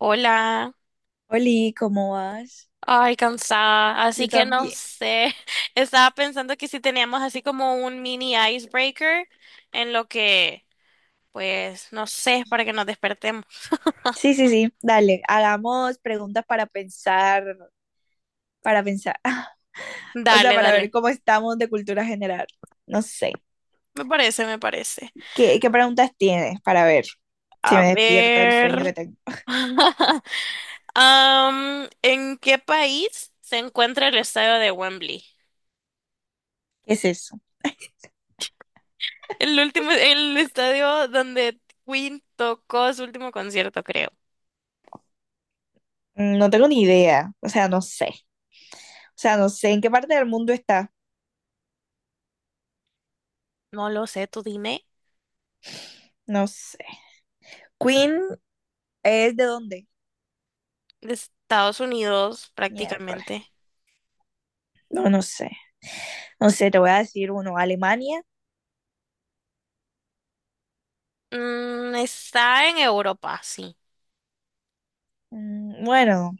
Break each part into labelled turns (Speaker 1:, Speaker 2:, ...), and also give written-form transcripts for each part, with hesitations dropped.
Speaker 1: Hola,
Speaker 2: Oli, ¿cómo vas?
Speaker 1: ay, cansada, así
Speaker 2: Yo
Speaker 1: que no
Speaker 2: también.
Speaker 1: sé, estaba pensando que si teníamos así como un mini icebreaker en lo que, pues, no sé, para que nos despertemos.
Speaker 2: Sí, sí, sí, dale, hagamos preguntas para pensar, o sea,
Speaker 1: Dale,
Speaker 2: para ver
Speaker 1: dale,
Speaker 2: cómo estamos de cultura general. No sé,
Speaker 1: me parece, me parece.
Speaker 2: ¿qué preguntas tienes para ver si
Speaker 1: A
Speaker 2: me despierto del sueño que
Speaker 1: ver,
Speaker 2: tengo?
Speaker 1: ¿En qué país se encuentra el estadio de Wembley?
Speaker 2: ¿Qué es eso?
Speaker 1: El último, el estadio donde Queen tocó su último concierto, creo.
Speaker 2: No tengo ni idea, o sea, no sé, o sea, no sé en qué parte del mundo está,
Speaker 1: No lo sé, tú dime.
Speaker 2: no sé. ¿Queen es de dónde?
Speaker 1: De Estados Unidos
Speaker 2: Miércoles,
Speaker 1: prácticamente.
Speaker 2: no, no sé, no sé, te voy a decir uno, Alemania,
Speaker 1: Está en Europa, sí.
Speaker 2: Mm, bueno.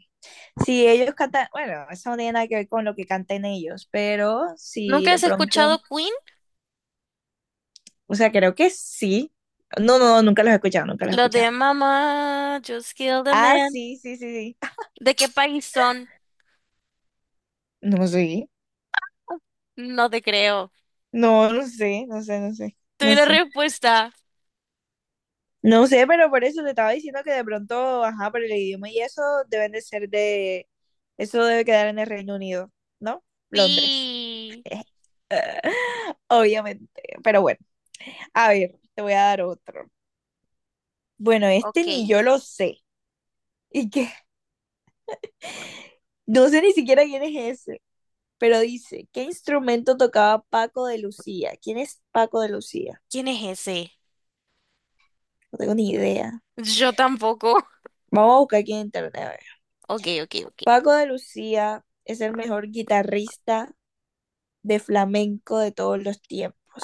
Speaker 2: Si ellos cantan, bueno, eso no tiene nada que ver con lo que canten ellos, pero si
Speaker 1: ¿Nunca
Speaker 2: de
Speaker 1: has escuchado
Speaker 2: pronto,
Speaker 1: Queen?
Speaker 2: o sea, creo que sí. No, no, nunca los he escuchado, nunca los he
Speaker 1: Los
Speaker 2: escuchado.
Speaker 1: de Mama, Just Kill the
Speaker 2: Ah,
Speaker 1: Man.
Speaker 2: sí, sí, sí, sí.
Speaker 1: ¿De qué país son?
Speaker 2: No sé,
Speaker 1: No te creo.
Speaker 2: no, no sé, no sé, no sé,
Speaker 1: Tuve
Speaker 2: no
Speaker 1: la
Speaker 2: sé.
Speaker 1: respuesta.
Speaker 2: No sé, pero por eso te estaba diciendo que de pronto, ajá, por el idioma y eso deben de ser de, eso debe quedar en el Reino Unido, ¿no? Londres.
Speaker 1: Sí.
Speaker 2: Obviamente, pero bueno, a ver, te voy a dar otro. Bueno, este
Speaker 1: Ok.
Speaker 2: ni yo lo sé. ¿Y qué? No sé ni siquiera quién es ese, pero dice, ¿qué instrumento tocaba Paco de Lucía? ¿Quién es Paco de Lucía?
Speaker 1: ¿Quién es ese?
Speaker 2: No tengo ni idea.
Speaker 1: Yo tampoco.
Speaker 2: Vamos a buscar aquí en internet. A ver.
Speaker 1: Ok, ok, ok.
Speaker 2: Paco de Lucía es el mejor guitarrista de flamenco de todos los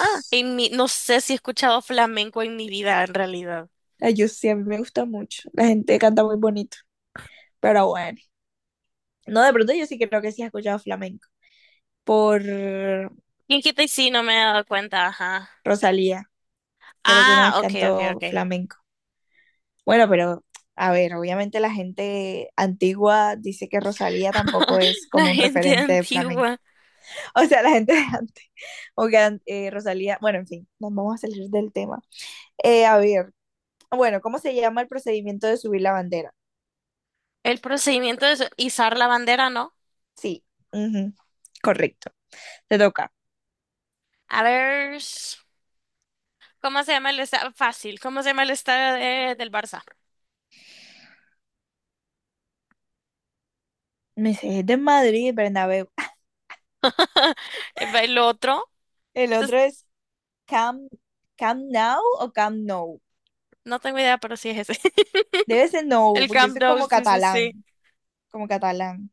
Speaker 1: Ah, no sé si he escuchado flamenco en mi vida, en realidad.
Speaker 2: Ay, yo sí, a mí me gusta mucho. La gente canta muy bonito, pero bueno. No, de pronto yo sí creo que sí he escuchado flamenco por
Speaker 1: ¿Quién quita y sí? No me he dado cuenta, ajá.
Speaker 2: Rosalía. Creo que una vez
Speaker 1: Ah, ok, ok,
Speaker 2: cantó
Speaker 1: ok.
Speaker 2: flamenco. Bueno, pero a ver, obviamente la gente antigua dice que Rosalía tampoco es
Speaker 1: La
Speaker 2: como un
Speaker 1: gente
Speaker 2: referente de flamenco.
Speaker 1: antigua.
Speaker 2: O sea, la gente de antes, o que Rosalía, bueno, en fin, nos vamos a salir del tema. A ver, bueno, ¿cómo se llama el procedimiento de subir la bandera?
Speaker 1: El procedimiento es izar la bandera, ¿no?
Speaker 2: Sí, ujú, correcto, te toca.
Speaker 1: A ver, s- ¿Cómo se llama el estadio? Fácil, ¿cómo se llama del Barça?
Speaker 2: Me sé, es de Madrid, Bernabéu.
Speaker 1: El otro,
Speaker 2: El
Speaker 1: entonces,
Speaker 2: otro es Camp, Camp Now o Camp No.
Speaker 1: no tengo idea, pero sí es ese.
Speaker 2: Debe ser No,
Speaker 1: El
Speaker 2: porque eso
Speaker 1: Camp
Speaker 2: es
Speaker 1: Nou,
Speaker 2: como
Speaker 1: sí, sí, sí.
Speaker 2: catalán, como catalán.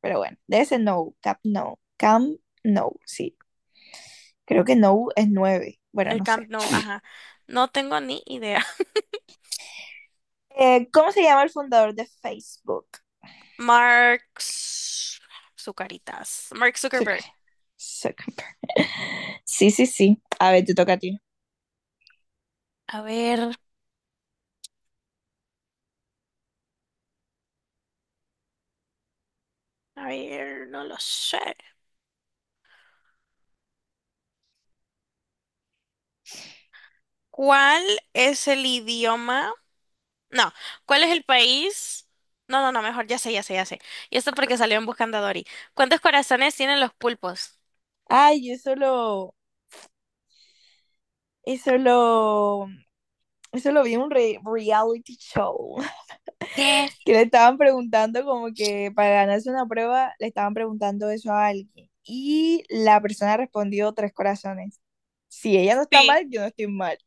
Speaker 2: Pero bueno, debe ser no, Cap no, Cam no, sí. Creo que no es nueve. Bueno,
Speaker 1: El
Speaker 2: no
Speaker 1: Camp
Speaker 2: sé.
Speaker 1: Nou, ajá. No tengo ni idea.
Speaker 2: ¿Cómo se llama el fundador de Facebook?
Speaker 1: Mark Z- Zucaritas. Mark Zuckerberg.
Speaker 2: Sí, sí, sí. A ver, te toca a ti.
Speaker 1: A ver, a ver, no lo sé. ¿Cuál es el idioma? No, ¿cuál es el país? No, no, no, mejor ya sé, ya sé, ya sé. Y esto porque salió en Buscando a Dory. ¿Cuántos corazones tienen los pulpos?
Speaker 2: Ay, yo solo, eso lo, eso lo vi en un reality show.
Speaker 1: ¿Qué?
Speaker 2: Que le estaban preguntando como que para ganarse una prueba, le estaban preguntando eso a alguien. Y la persona respondió tres corazones. Si ella no está
Speaker 1: Sí.
Speaker 2: mal, yo no estoy mal.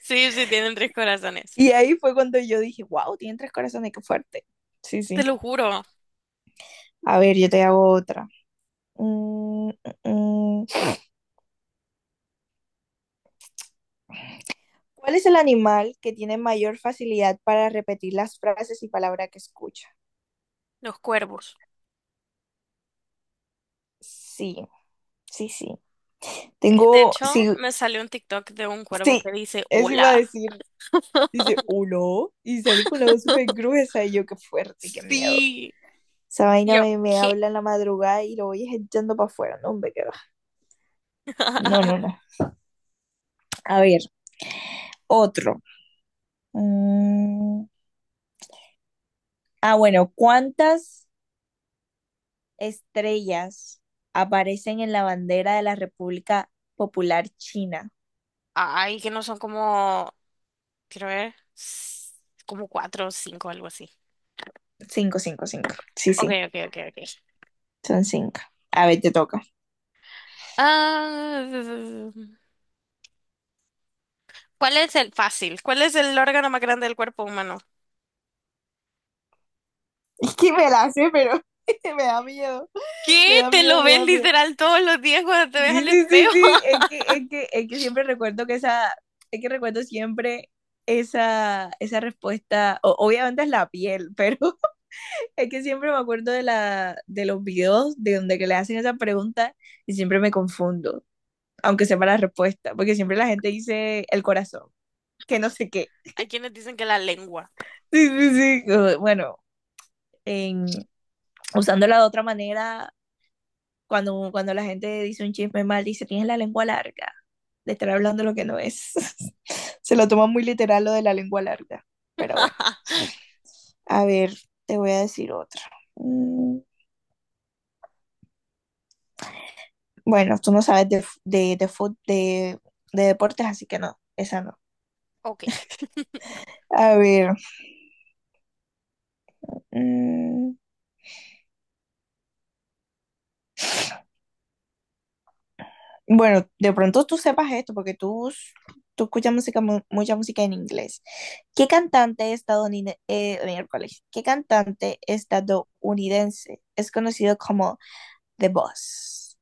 Speaker 1: Sí, sí, tienen tres corazones.
Speaker 2: Y ahí fue cuando yo dije, wow, tienen tres corazones, qué fuerte. Sí,
Speaker 1: Te
Speaker 2: sí.
Speaker 1: lo juro,
Speaker 2: A ver, yo te hago otra. Mm, mm. mm. ¿Cuál es el animal que tiene mayor facilidad para repetir las frases y palabras que escucha?
Speaker 1: los cuervos.
Speaker 2: Sí, sí, sí.
Speaker 1: De
Speaker 2: Tengo,
Speaker 1: hecho,
Speaker 2: sí,
Speaker 1: me salió un TikTok de un cuervo
Speaker 2: sí,
Speaker 1: que dice,
Speaker 2: eso iba a
Speaker 1: hola.
Speaker 2: decir. Dice, uno, y salí con la voz súper gruesa y yo, qué fuerte, qué miedo.
Speaker 1: Sí.
Speaker 2: Esa
Speaker 1: Y
Speaker 2: vaina
Speaker 1: yo,
Speaker 2: me
Speaker 1: ¿qué?
Speaker 2: habla en la madrugada y lo voy echando para afuera, no, hombre, qué va. No, no, no. A ver, otro. Mm. Ah, bueno, ¿cuántas estrellas aparecen en la bandera de la República Popular China?
Speaker 1: Ay, que no son como, quiero ver, como cuatro o cinco, algo así.
Speaker 2: Cinco, cinco, cinco. Sí,
Speaker 1: Ok,
Speaker 2: sí,
Speaker 1: ok, ok, ok.
Speaker 2: son cinco. A ver, te toca.
Speaker 1: Ah, ¿cuál es el fácil? ¿Cuál es el órgano más grande del cuerpo humano?
Speaker 2: Es que me la sé, pero me da miedo,
Speaker 1: ¿Qué?
Speaker 2: me da
Speaker 1: Te
Speaker 2: miedo,
Speaker 1: lo
Speaker 2: me
Speaker 1: ves
Speaker 2: da miedo.
Speaker 1: literal todos los días cuando te ves al
Speaker 2: Sí, sí, sí,
Speaker 1: espejo.
Speaker 2: sí, es que, siempre recuerdo que esa, es que recuerdo siempre esa respuesta, obviamente es la piel, pero es que siempre me acuerdo de la, de los videos de donde que le hacen esa pregunta y siempre me confundo. Aunque sepa la respuesta, porque siempre la gente dice el corazón, que no sé qué.
Speaker 1: Hay quienes dicen que la lengua.
Speaker 2: Sí, sí, sí. Bueno, en, usándola de otra manera, cuando la gente dice un chisme mal, dice, tienes la lengua larga, de estar hablando lo que no es. Se lo toma muy literal lo de la lengua larga, pero bueno, a ver, te voy a decir otra. Mm, Bueno, tú no sabes de, f- de, fut- de deportes, así que no, esa no.
Speaker 1: Ok.
Speaker 2: A ver, mm, Bueno, de pronto tú sepas esto, porque tú escuchas música, mucha música en inglés. ¿Qué cantante estadounidense, qué cantante estadounidense es conocido como The Boss?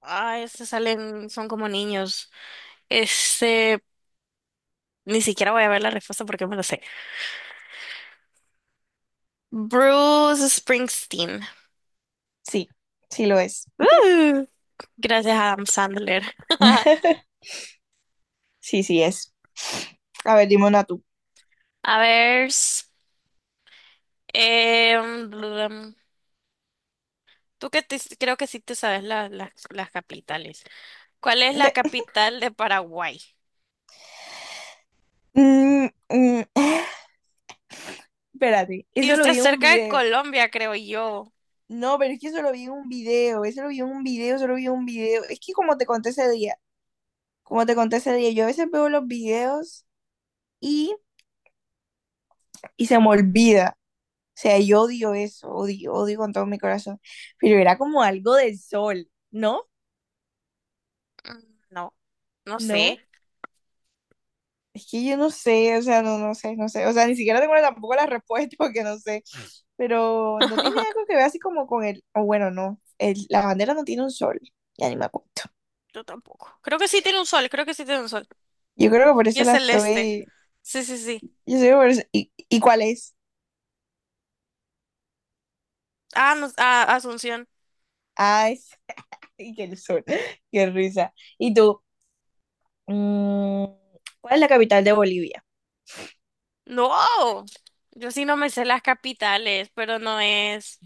Speaker 1: Ah, estos salen, son como niños. Este, ni siquiera voy a ver la respuesta porque me lo sé. Bruce Springsteen.
Speaker 2: Sí, sí lo es.
Speaker 1: Uh, Gracias a Adam Sandler.
Speaker 2: Sí, sí es. A ver, dime una tú.
Speaker 1: A ver, blum. Tú creo que sí te sabes las capitales. ¿Cuál es la
Speaker 2: De-
Speaker 1: capital de Paraguay?
Speaker 2: Mm, mm, Espérate,
Speaker 1: Y
Speaker 2: eso lo
Speaker 1: está
Speaker 2: vi en un
Speaker 1: cerca de
Speaker 2: video.
Speaker 1: Colombia, creo yo.
Speaker 2: No, pero es que eso lo vi en un video, eso lo vi en un video, eso lo vi en un video. Es que como te conté ese día, como te conté ese día, yo a veces veo los videos y se me olvida. O sea, yo odio eso, odio, odio con todo mi corazón. Pero era como algo del sol, ¿no?
Speaker 1: Mm, No, no sé.
Speaker 2: No, es que yo no sé, o sea, no, no sé, no sé. O sea, ni siquiera tengo tampoco la respuesta porque no sé. Pero no tiene algo que ver así como con el, o bueno, no, la bandera no tiene un sol, ya ni me acuerdo.
Speaker 1: Yo tampoco. Creo que sí tiene un sol, creo que sí tiene un sol.
Speaker 2: Yo creo que por
Speaker 1: Y
Speaker 2: eso
Speaker 1: es
Speaker 2: la
Speaker 1: celeste.
Speaker 2: estoy,
Speaker 1: Sí, sí, sí.
Speaker 2: yo sé que por eso, ¿y cuál es?
Speaker 1: Ah, no, ah, Asunción.
Speaker 2: Ah, es, y que el sol, qué risa. Y tú, mm, ¿cuál es la capital de Bolivia?
Speaker 1: No, yo sí no me sé las capitales, pero no es.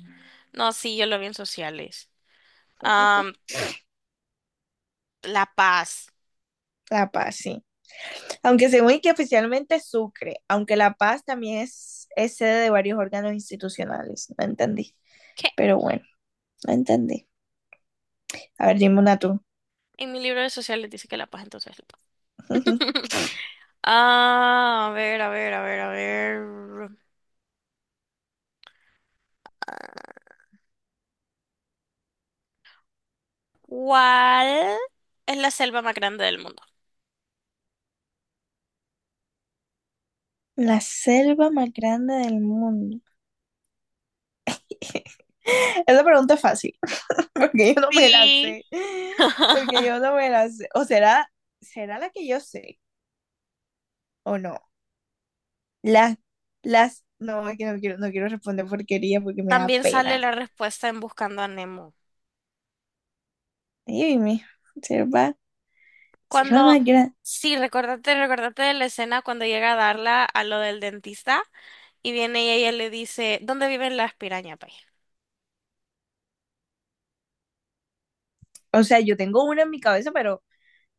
Speaker 1: No, sí, yo lo vi en sociales. Am, La Paz.
Speaker 2: La Paz, sí. Aunque según que oficialmente es Sucre, aunque La Paz también es sede de varios órganos institucionales. No entendí.
Speaker 1: ¿Qué?
Speaker 2: Pero bueno, no entendí. A ver, dime una tú.
Speaker 1: En mi libro de sociales dice que La Paz, entonces La Paz. Ah, a ver, a ver, a ver, a ver. ¿Cuál es la selva más grande del mundo?
Speaker 2: La selva más grande del mundo. Esa pregunta es fácil, porque yo no me la
Speaker 1: Sí.
Speaker 2: sé. Porque yo no me la sé. O será, será la que yo sé, o no. Las, no, es que no quiero, no quiero responder porquería porque me da
Speaker 1: También sale
Speaker 2: pena.
Speaker 1: la respuesta en Buscando a Nemo.
Speaker 2: Ay, mi selva, selva
Speaker 1: Cuando,
Speaker 2: más grande.
Speaker 1: sí, recordate, recordate de la escena cuando llega a darla a lo del dentista, y viene ella y ella le dice, ¿dónde viven las pirañas, pues?
Speaker 2: O sea, yo tengo una en mi cabeza, pero,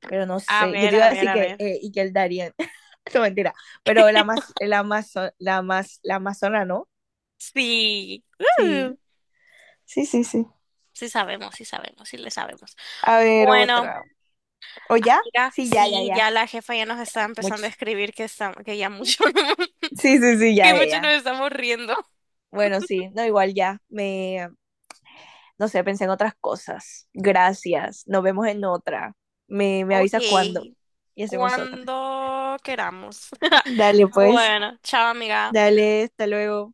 Speaker 2: pero no
Speaker 1: A
Speaker 2: sé. Yo te
Speaker 1: ver,
Speaker 2: iba
Speaker 1: a
Speaker 2: a
Speaker 1: ver,
Speaker 2: decir
Speaker 1: a
Speaker 2: que,
Speaker 1: ver.
Speaker 2: y que el Darien. No, mentira. Pero la más, la más, la más, la amazona, ¿no?
Speaker 1: Sí. Uh,
Speaker 2: Sí. Sí, sí, sí.
Speaker 1: sí sabemos, sí sabemos, sí le sabemos.
Speaker 2: A ver,
Speaker 1: Bueno,
Speaker 2: otra. ¿O ya?
Speaker 1: mira,
Speaker 2: Sí, ya, ya,
Speaker 1: sí,
Speaker 2: ya.
Speaker 1: ya la jefa ya nos está empezando a
Speaker 2: Mucho.
Speaker 1: escribir que está, que ya mucho,
Speaker 2: Sí, sí, sí,
Speaker 1: que
Speaker 2: ya, ya,
Speaker 1: mucho nos
Speaker 2: ya.
Speaker 1: estamos riendo.
Speaker 2: Bueno, sí. No, igual ya. No sé, pensé en otras cosas. Gracias. Nos vemos en otra. Me
Speaker 1: Ok,
Speaker 2: avisas cuándo y hacemos otra.
Speaker 1: cuando queramos.
Speaker 2: Dale, pues.
Speaker 1: Bueno, chao amiga.
Speaker 2: Dale, hasta luego.